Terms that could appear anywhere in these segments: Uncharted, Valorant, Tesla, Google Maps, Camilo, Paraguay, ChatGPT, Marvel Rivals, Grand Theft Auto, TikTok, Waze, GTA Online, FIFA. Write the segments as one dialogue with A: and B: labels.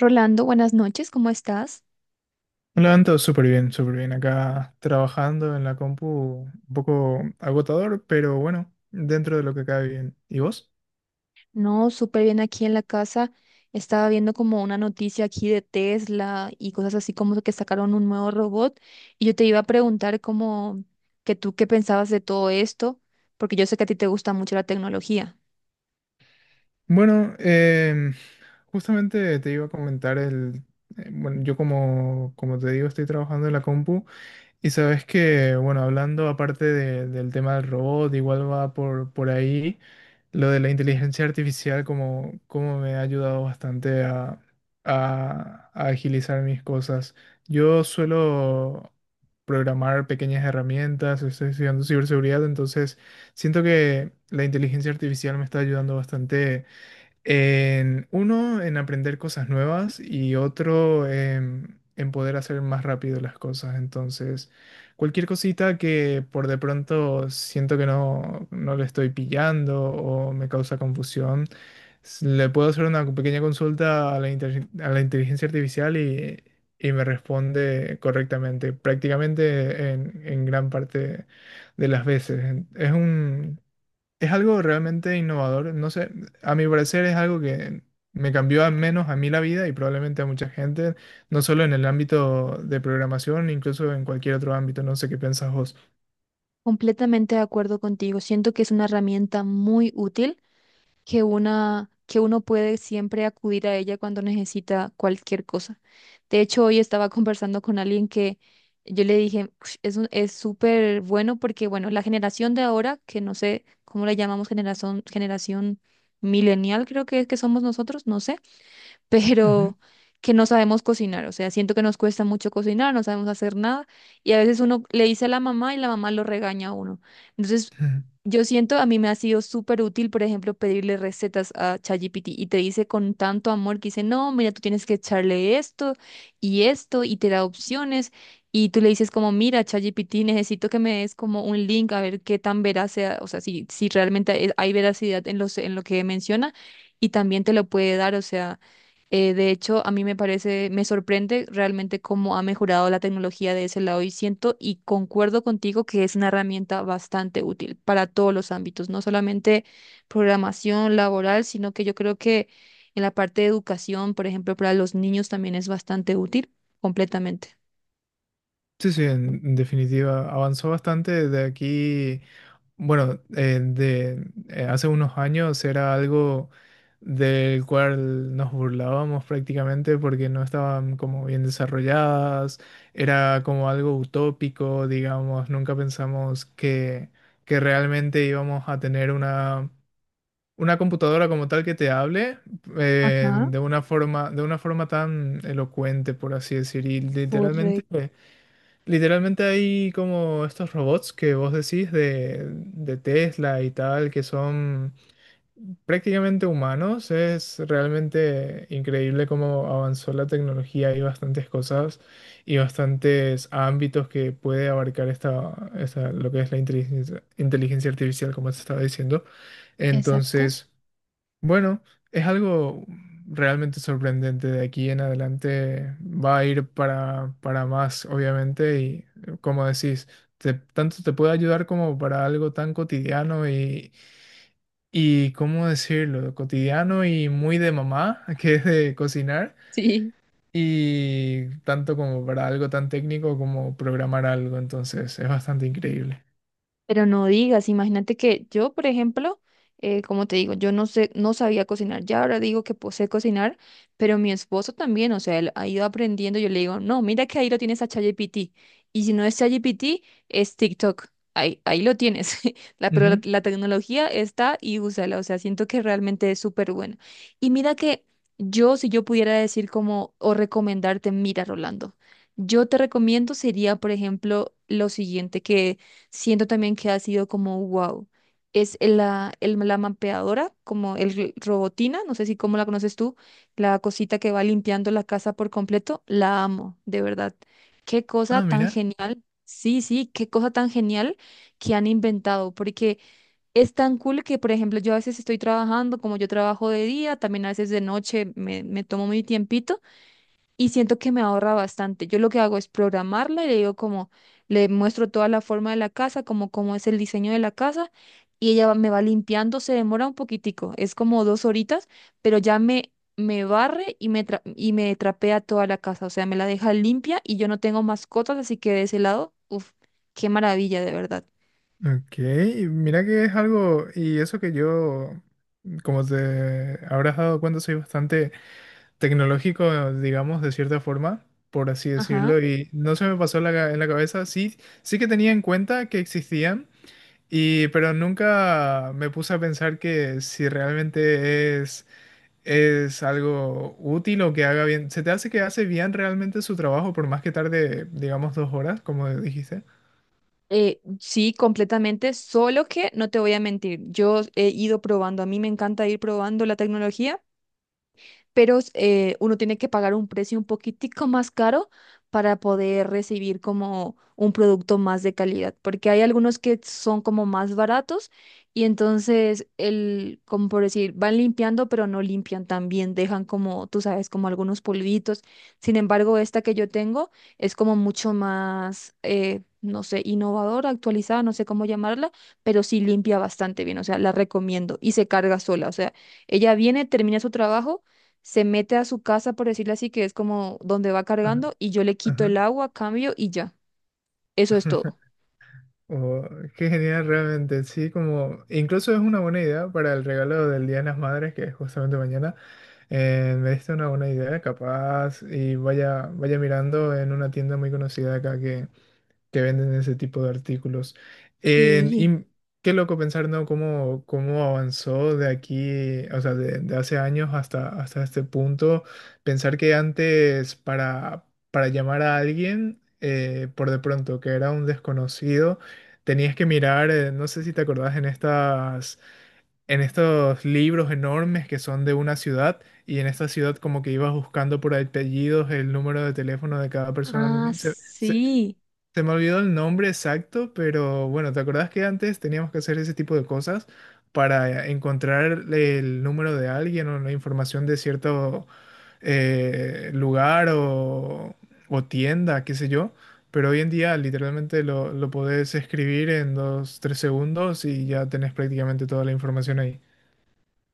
A: Rolando, buenas noches, ¿cómo estás?
B: Me levanto súper bien, súper bien. Acá trabajando en la compu, un poco agotador, pero bueno, dentro de lo que cabe bien. ¿Y vos?
A: No, súper bien aquí en la casa. Estaba viendo como una noticia aquí de Tesla y cosas así como que sacaron un nuevo robot. Y yo te iba a preguntar como que tú qué pensabas de todo esto, porque yo sé que a ti te gusta mucho la tecnología.
B: Bueno, justamente te iba a comentar el... Bueno, yo como te digo, estoy trabajando en la compu. Y sabes que, bueno, hablando aparte del tema del robot, igual va por ahí, lo de la inteligencia artificial como me ha ayudado bastante a agilizar mis cosas. Yo suelo programar pequeñas herramientas, estoy estudiando ciberseguridad, entonces siento que la inteligencia artificial me está ayudando bastante en uno, en aprender cosas nuevas y otro, en poder hacer más rápido las cosas. Entonces, cualquier cosita que por de pronto siento que no le estoy pillando o me causa confusión, le puedo hacer una pequeña consulta a la inteligencia artificial y me responde correctamente, prácticamente en gran parte de las veces. Es algo realmente innovador. No sé, a mi parecer es algo que me cambió al menos a mí la vida y probablemente a mucha gente, no solo en el ámbito de programación, incluso en cualquier otro ámbito. No sé qué piensas vos.
A: Completamente de acuerdo contigo. Siento que es una herramienta muy útil que una que uno puede siempre acudir a ella cuando necesita cualquier cosa. De hecho, hoy estaba conversando con alguien que yo le dije: "Ush, es súper bueno porque, bueno, la generación de ahora, que no sé cómo la llamamos, generación, generación millennial, creo que es que somos nosotros, no sé,
B: Ujú.
A: pero que no sabemos cocinar, o sea, siento que nos cuesta mucho cocinar, no sabemos hacer nada y a veces uno le dice a la mamá y la mamá lo regaña a uno. Entonces, yo siento, a mí me ha sido súper útil, por ejemplo, pedirle recetas a ChatGPT y te dice con tanto amor que dice, no, mira, tú tienes que echarle esto y esto y te da opciones y tú le dices como, mira, ChatGPT, necesito que me des como un link a ver qué tan veraz sea, o sea, si, si realmente hay veracidad en los, en lo que menciona y también te lo puede dar, o sea. De hecho, a mí me parece, me sorprende realmente cómo ha mejorado la tecnología de ese lado y siento y concuerdo contigo que es una herramienta bastante útil para todos los ámbitos, no solamente programación laboral, sino que yo creo que en la parte de educación, por ejemplo, para los niños también es bastante útil completamente.
B: Sí, sí, en definitiva, avanzó bastante de aquí. Bueno, hace unos años era algo del cual nos burlábamos prácticamente porque no estaban como bien desarrolladas, era como algo utópico, digamos, nunca pensamos que realmente íbamos a tener una computadora como tal que te hable
A: Ajá,
B: de una forma tan elocuente, por así decir, y literalmente...
A: correcto,
B: Literalmente hay como estos robots que vos decís de Tesla y tal, que son prácticamente humanos. Es realmente increíble cómo avanzó la tecnología. Hay bastantes cosas y bastantes ámbitos que puede abarcar lo que es la inteligencia artificial, como te estaba diciendo.
A: exacto.
B: Entonces... Bueno, es algo realmente sorprendente. De aquí en adelante va a ir para más, obviamente, y como decís, tanto te puede ayudar como para algo tan cotidiano y, ¿cómo decirlo? Cotidiano y muy de mamá, que es de cocinar,
A: Sí.
B: y tanto como para algo tan técnico como programar algo. Entonces, es bastante increíble.
A: Pero no digas, imagínate que yo, por ejemplo, como te digo, yo no sé, no sabía cocinar, ya ahora digo que pues, sé cocinar, pero mi esposo también, o sea, él ha ido aprendiendo, yo le digo, no, mira que ahí lo tienes a ChatGPT, y si no es ChatGPT, es TikTok, ahí, ahí lo tienes, la, pero la,
B: Ujú.
A: la tecnología está y úsala, o sea, siento que realmente es súper buena. Y mira que yo, si yo pudiera decir como, o recomendarte, mira, Rolando, yo te recomiendo sería, por ejemplo, lo siguiente, que siento también que ha sido como wow. Es la mapeadora, como robotina, no sé si cómo la conoces tú, la cosita que va limpiando la casa por completo, la amo, de verdad. Qué cosa
B: Ah,
A: tan
B: mira.
A: genial. Sí, sí, qué cosa tan genial que han inventado, porque es tan cool que, por ejemplo, yo a veces estoy trabajando, como yo trabajo de día, también a veces de noche me tomo mi tiempito y siento que me ahorra bastante. Yo lo que hago es programarla y le digo como, le muestro toda la forma de la casa, como cómo es el diseño de la casa y me va limpiando, se demora un poquitico, es como dos horitas, pero ya me barre y y me trapea toda la casa, o sea, me la deja limpia y yo no tengo mascotas, así que de ese lado, uff, qué maravilla, de verdad.
B: Ok, mira que es algo, y eso que yo, como te habrás dado cuenta, soy bastante tecnológico, digamos, de cierta forma, por así
A: Ajá.
B: decirlo, y no se me pasó en la cabeza, sí, sí que tenía en cuenta que existían, y, pero nunca me puse a pensar que si realmente es algo útil o que haga bien, ¿se te hace que hace bien realmente su trabajo por más que tarde, digamos, dos horas, como dijiste?
A: Sí, completamente, solo que no te voy a mentir, yo he ido probando, a mí me encanta ir probando la tecnología, pero uno tiene que pagar un precio un poquitico más caro para poder recibir como un producto más de calidad, porque hay algunos que son como más baratos y entonces el, como por decir, van limpiando, pero no limpian tan bien, dejan como, tú sabes, como algunos polvitos. Sin embargo, esta que yo tengo es como mucho más, no sé, innovadora, actualizada, no sé cómo llamarla, pero sí limpia bastante bien, o sea, la recomiendo y se carga sola, o sea, ella viene, termina su trabajo, se mete a su casa, por decirlo así, que es como donde va
B: Ajá,
A: cargando, y yo le quito
B: ajá.
A: el agua, cambio y ya. Eso es todo.
B: Oh, qué genial realmente, sí, como incluso es una buena idea para el regalo del Día de las Madres, que es justamente mañana. Me diste una buena idea, capaz, y vaya, vaya mirando en una tienda muy conocida acá que venden ese tipo de artículos. En-
A: Sí.
B: y qué loco pensar, ¿no? Cómo, cómo avanzó de aquí, o sea, de hace años hasta, hasta este punto. Pensar que antes para llamar a alguien, por de pronto, que era un desconocido, tenías que mirar, no sé si te acordás, en estos libros enormes que son de una ciudad. Y en esta ciudad como que ibas buscando por apellidos el número de teléfono de cada persona.
A: Ah, sí.
B: Se me olvidó el nombre exacto, pero bueno, ¿te acordás que antes teníamos que hacer ese tipo de cosas para encontrar el número de alguien o la información de cierto lugar o tienda, qué sé yo? Pero hoy en día literalmente lo podés escribir en dos, tres segundos y ya tenés prácticamente toda la información ahí.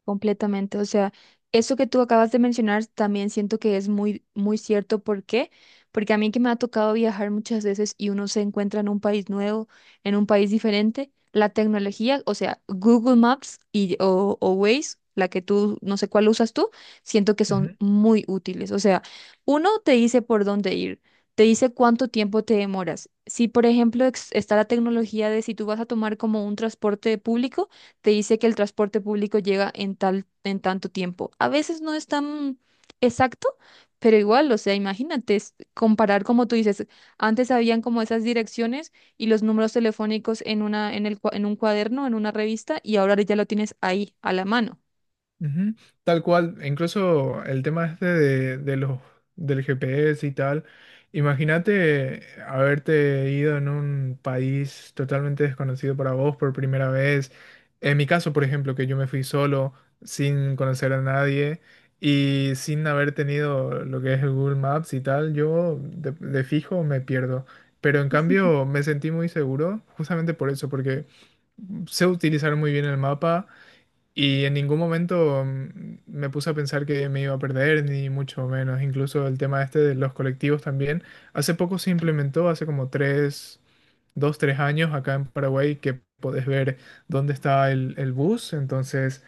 A: Completamente. O sea, eso que tú acabas de mencionar también siento que es muy, muy cierto. ¿Por qué? Porque a mí que me ha tocado viajar muchas veces y uno se encuentra en un país nuevo, en un país diferente, la tecnología, o sea, Google Maps y, o Waze, la que tú, no sé cuál usas tú, siento que son muy útiles. O sea, uno te dice por dónde ir, te dice cuánto tiempo te demoras. Si, por ejemplo, está la tecnología de si tú vas a tomar como un transporte público, te dice que el transporte público llega en tal, en tanto tiempo. A veces no es tan exacto, pero igual, o sea, imagínate, es comparar como tú dices, antes habían como esas direcciones y los números telefónicos en una, en el, en un cuaderno, en una revista, y ahora ya lo tienes ahí, a la mano.
B: Ujú, tal cual, incluso el tema este de los del GPS y tal. Imagínate haberte ido en un país totalmente desconocido para vos por primera vez. En mi caso, por ejemplo, que yo me fui solo, sin conocer a nadie y sin haber tenido lo que es el Google Maps y tal, yo de fijo me pierdo. Pero en cambio me sentí muy seguro, justamente por eso, porque sé utilizar muy bien el mapa y en ningún momento me puse a pensar que me iba a perder, ni mucho menos. Incluso el tema este de los colectivos también. Hace poco se implementó, hace como 2, 3 años acá en Paraguay, que podés ver dónde está el bus. Entonces,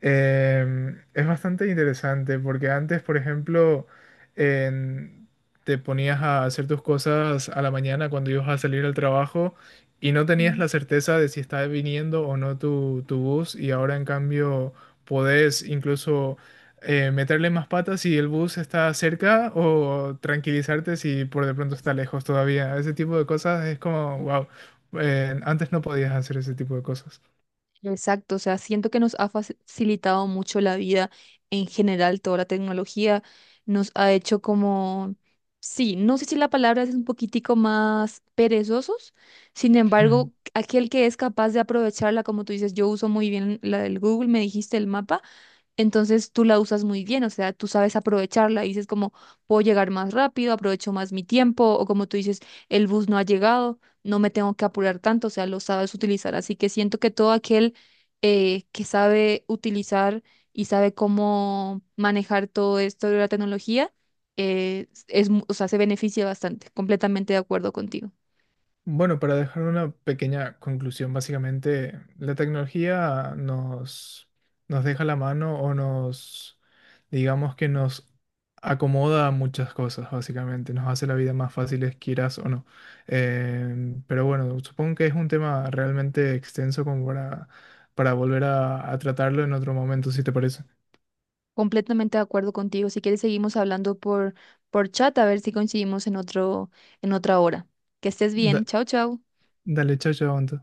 B: Es bastante interesante porque antes, por ejemplo, en- te ponías a hacer tus cosas a la mañana cuando ibas a salir al trabajo y no tenías la certeza de si estaba viniendo o no tu bus y ahora en cambio podés incluso meterle más patas si el bus está cerca o tranquilizarte si por de pronto está lejos todavía. Ese tipo de cosas es como, wow, antes no podías hacer ese tipo de cosas.
A: Exacto, o sea, siento que nos ha facilitado mucho la vida en general, toda la tecnología nos ha hecho como, sí, no sé si la palabra es un poquitico más perezosos, sin embargo, aquel que es capaz de aprovecharla, como tú dices, yo uso muy bien la del Google, me dijiste el mapa. Entonces tú la usas muy bien, o sea, tú sabes aprovecharla y dices como, puedo llegar más rápido, aprovecho más mi tiempo, o como tú dices, el bus no ha llegado, no me tengo que apurar tanto, o sea, lo sabes utilizar. Así que siento que todo aquel que sabe utilizar y sabe cómo manejar todo esto de la tecnología, o sea, se beneficia bastante, completamente de acuerdo contigo.
B: Bueno, para dejar una pequeña conclusión, básicamente, la tecnología nos deja la mano o digamos que nos acomoda a muchas cosas, básicamente, nos hace la vida más fácil, quieras o no. Pero bueno, supongo que es un tema realmente extenso como para volver a tratarlo en otro momento, si te parece.
A: Completamente de acuerdo contigo. Si quieres, seguimos hablando por chat a ver si coincidimos en otro, en otra hora. Que estés bien.
B: Da-
A: Chao, chao.
B: Dale, chao, chao, Anto.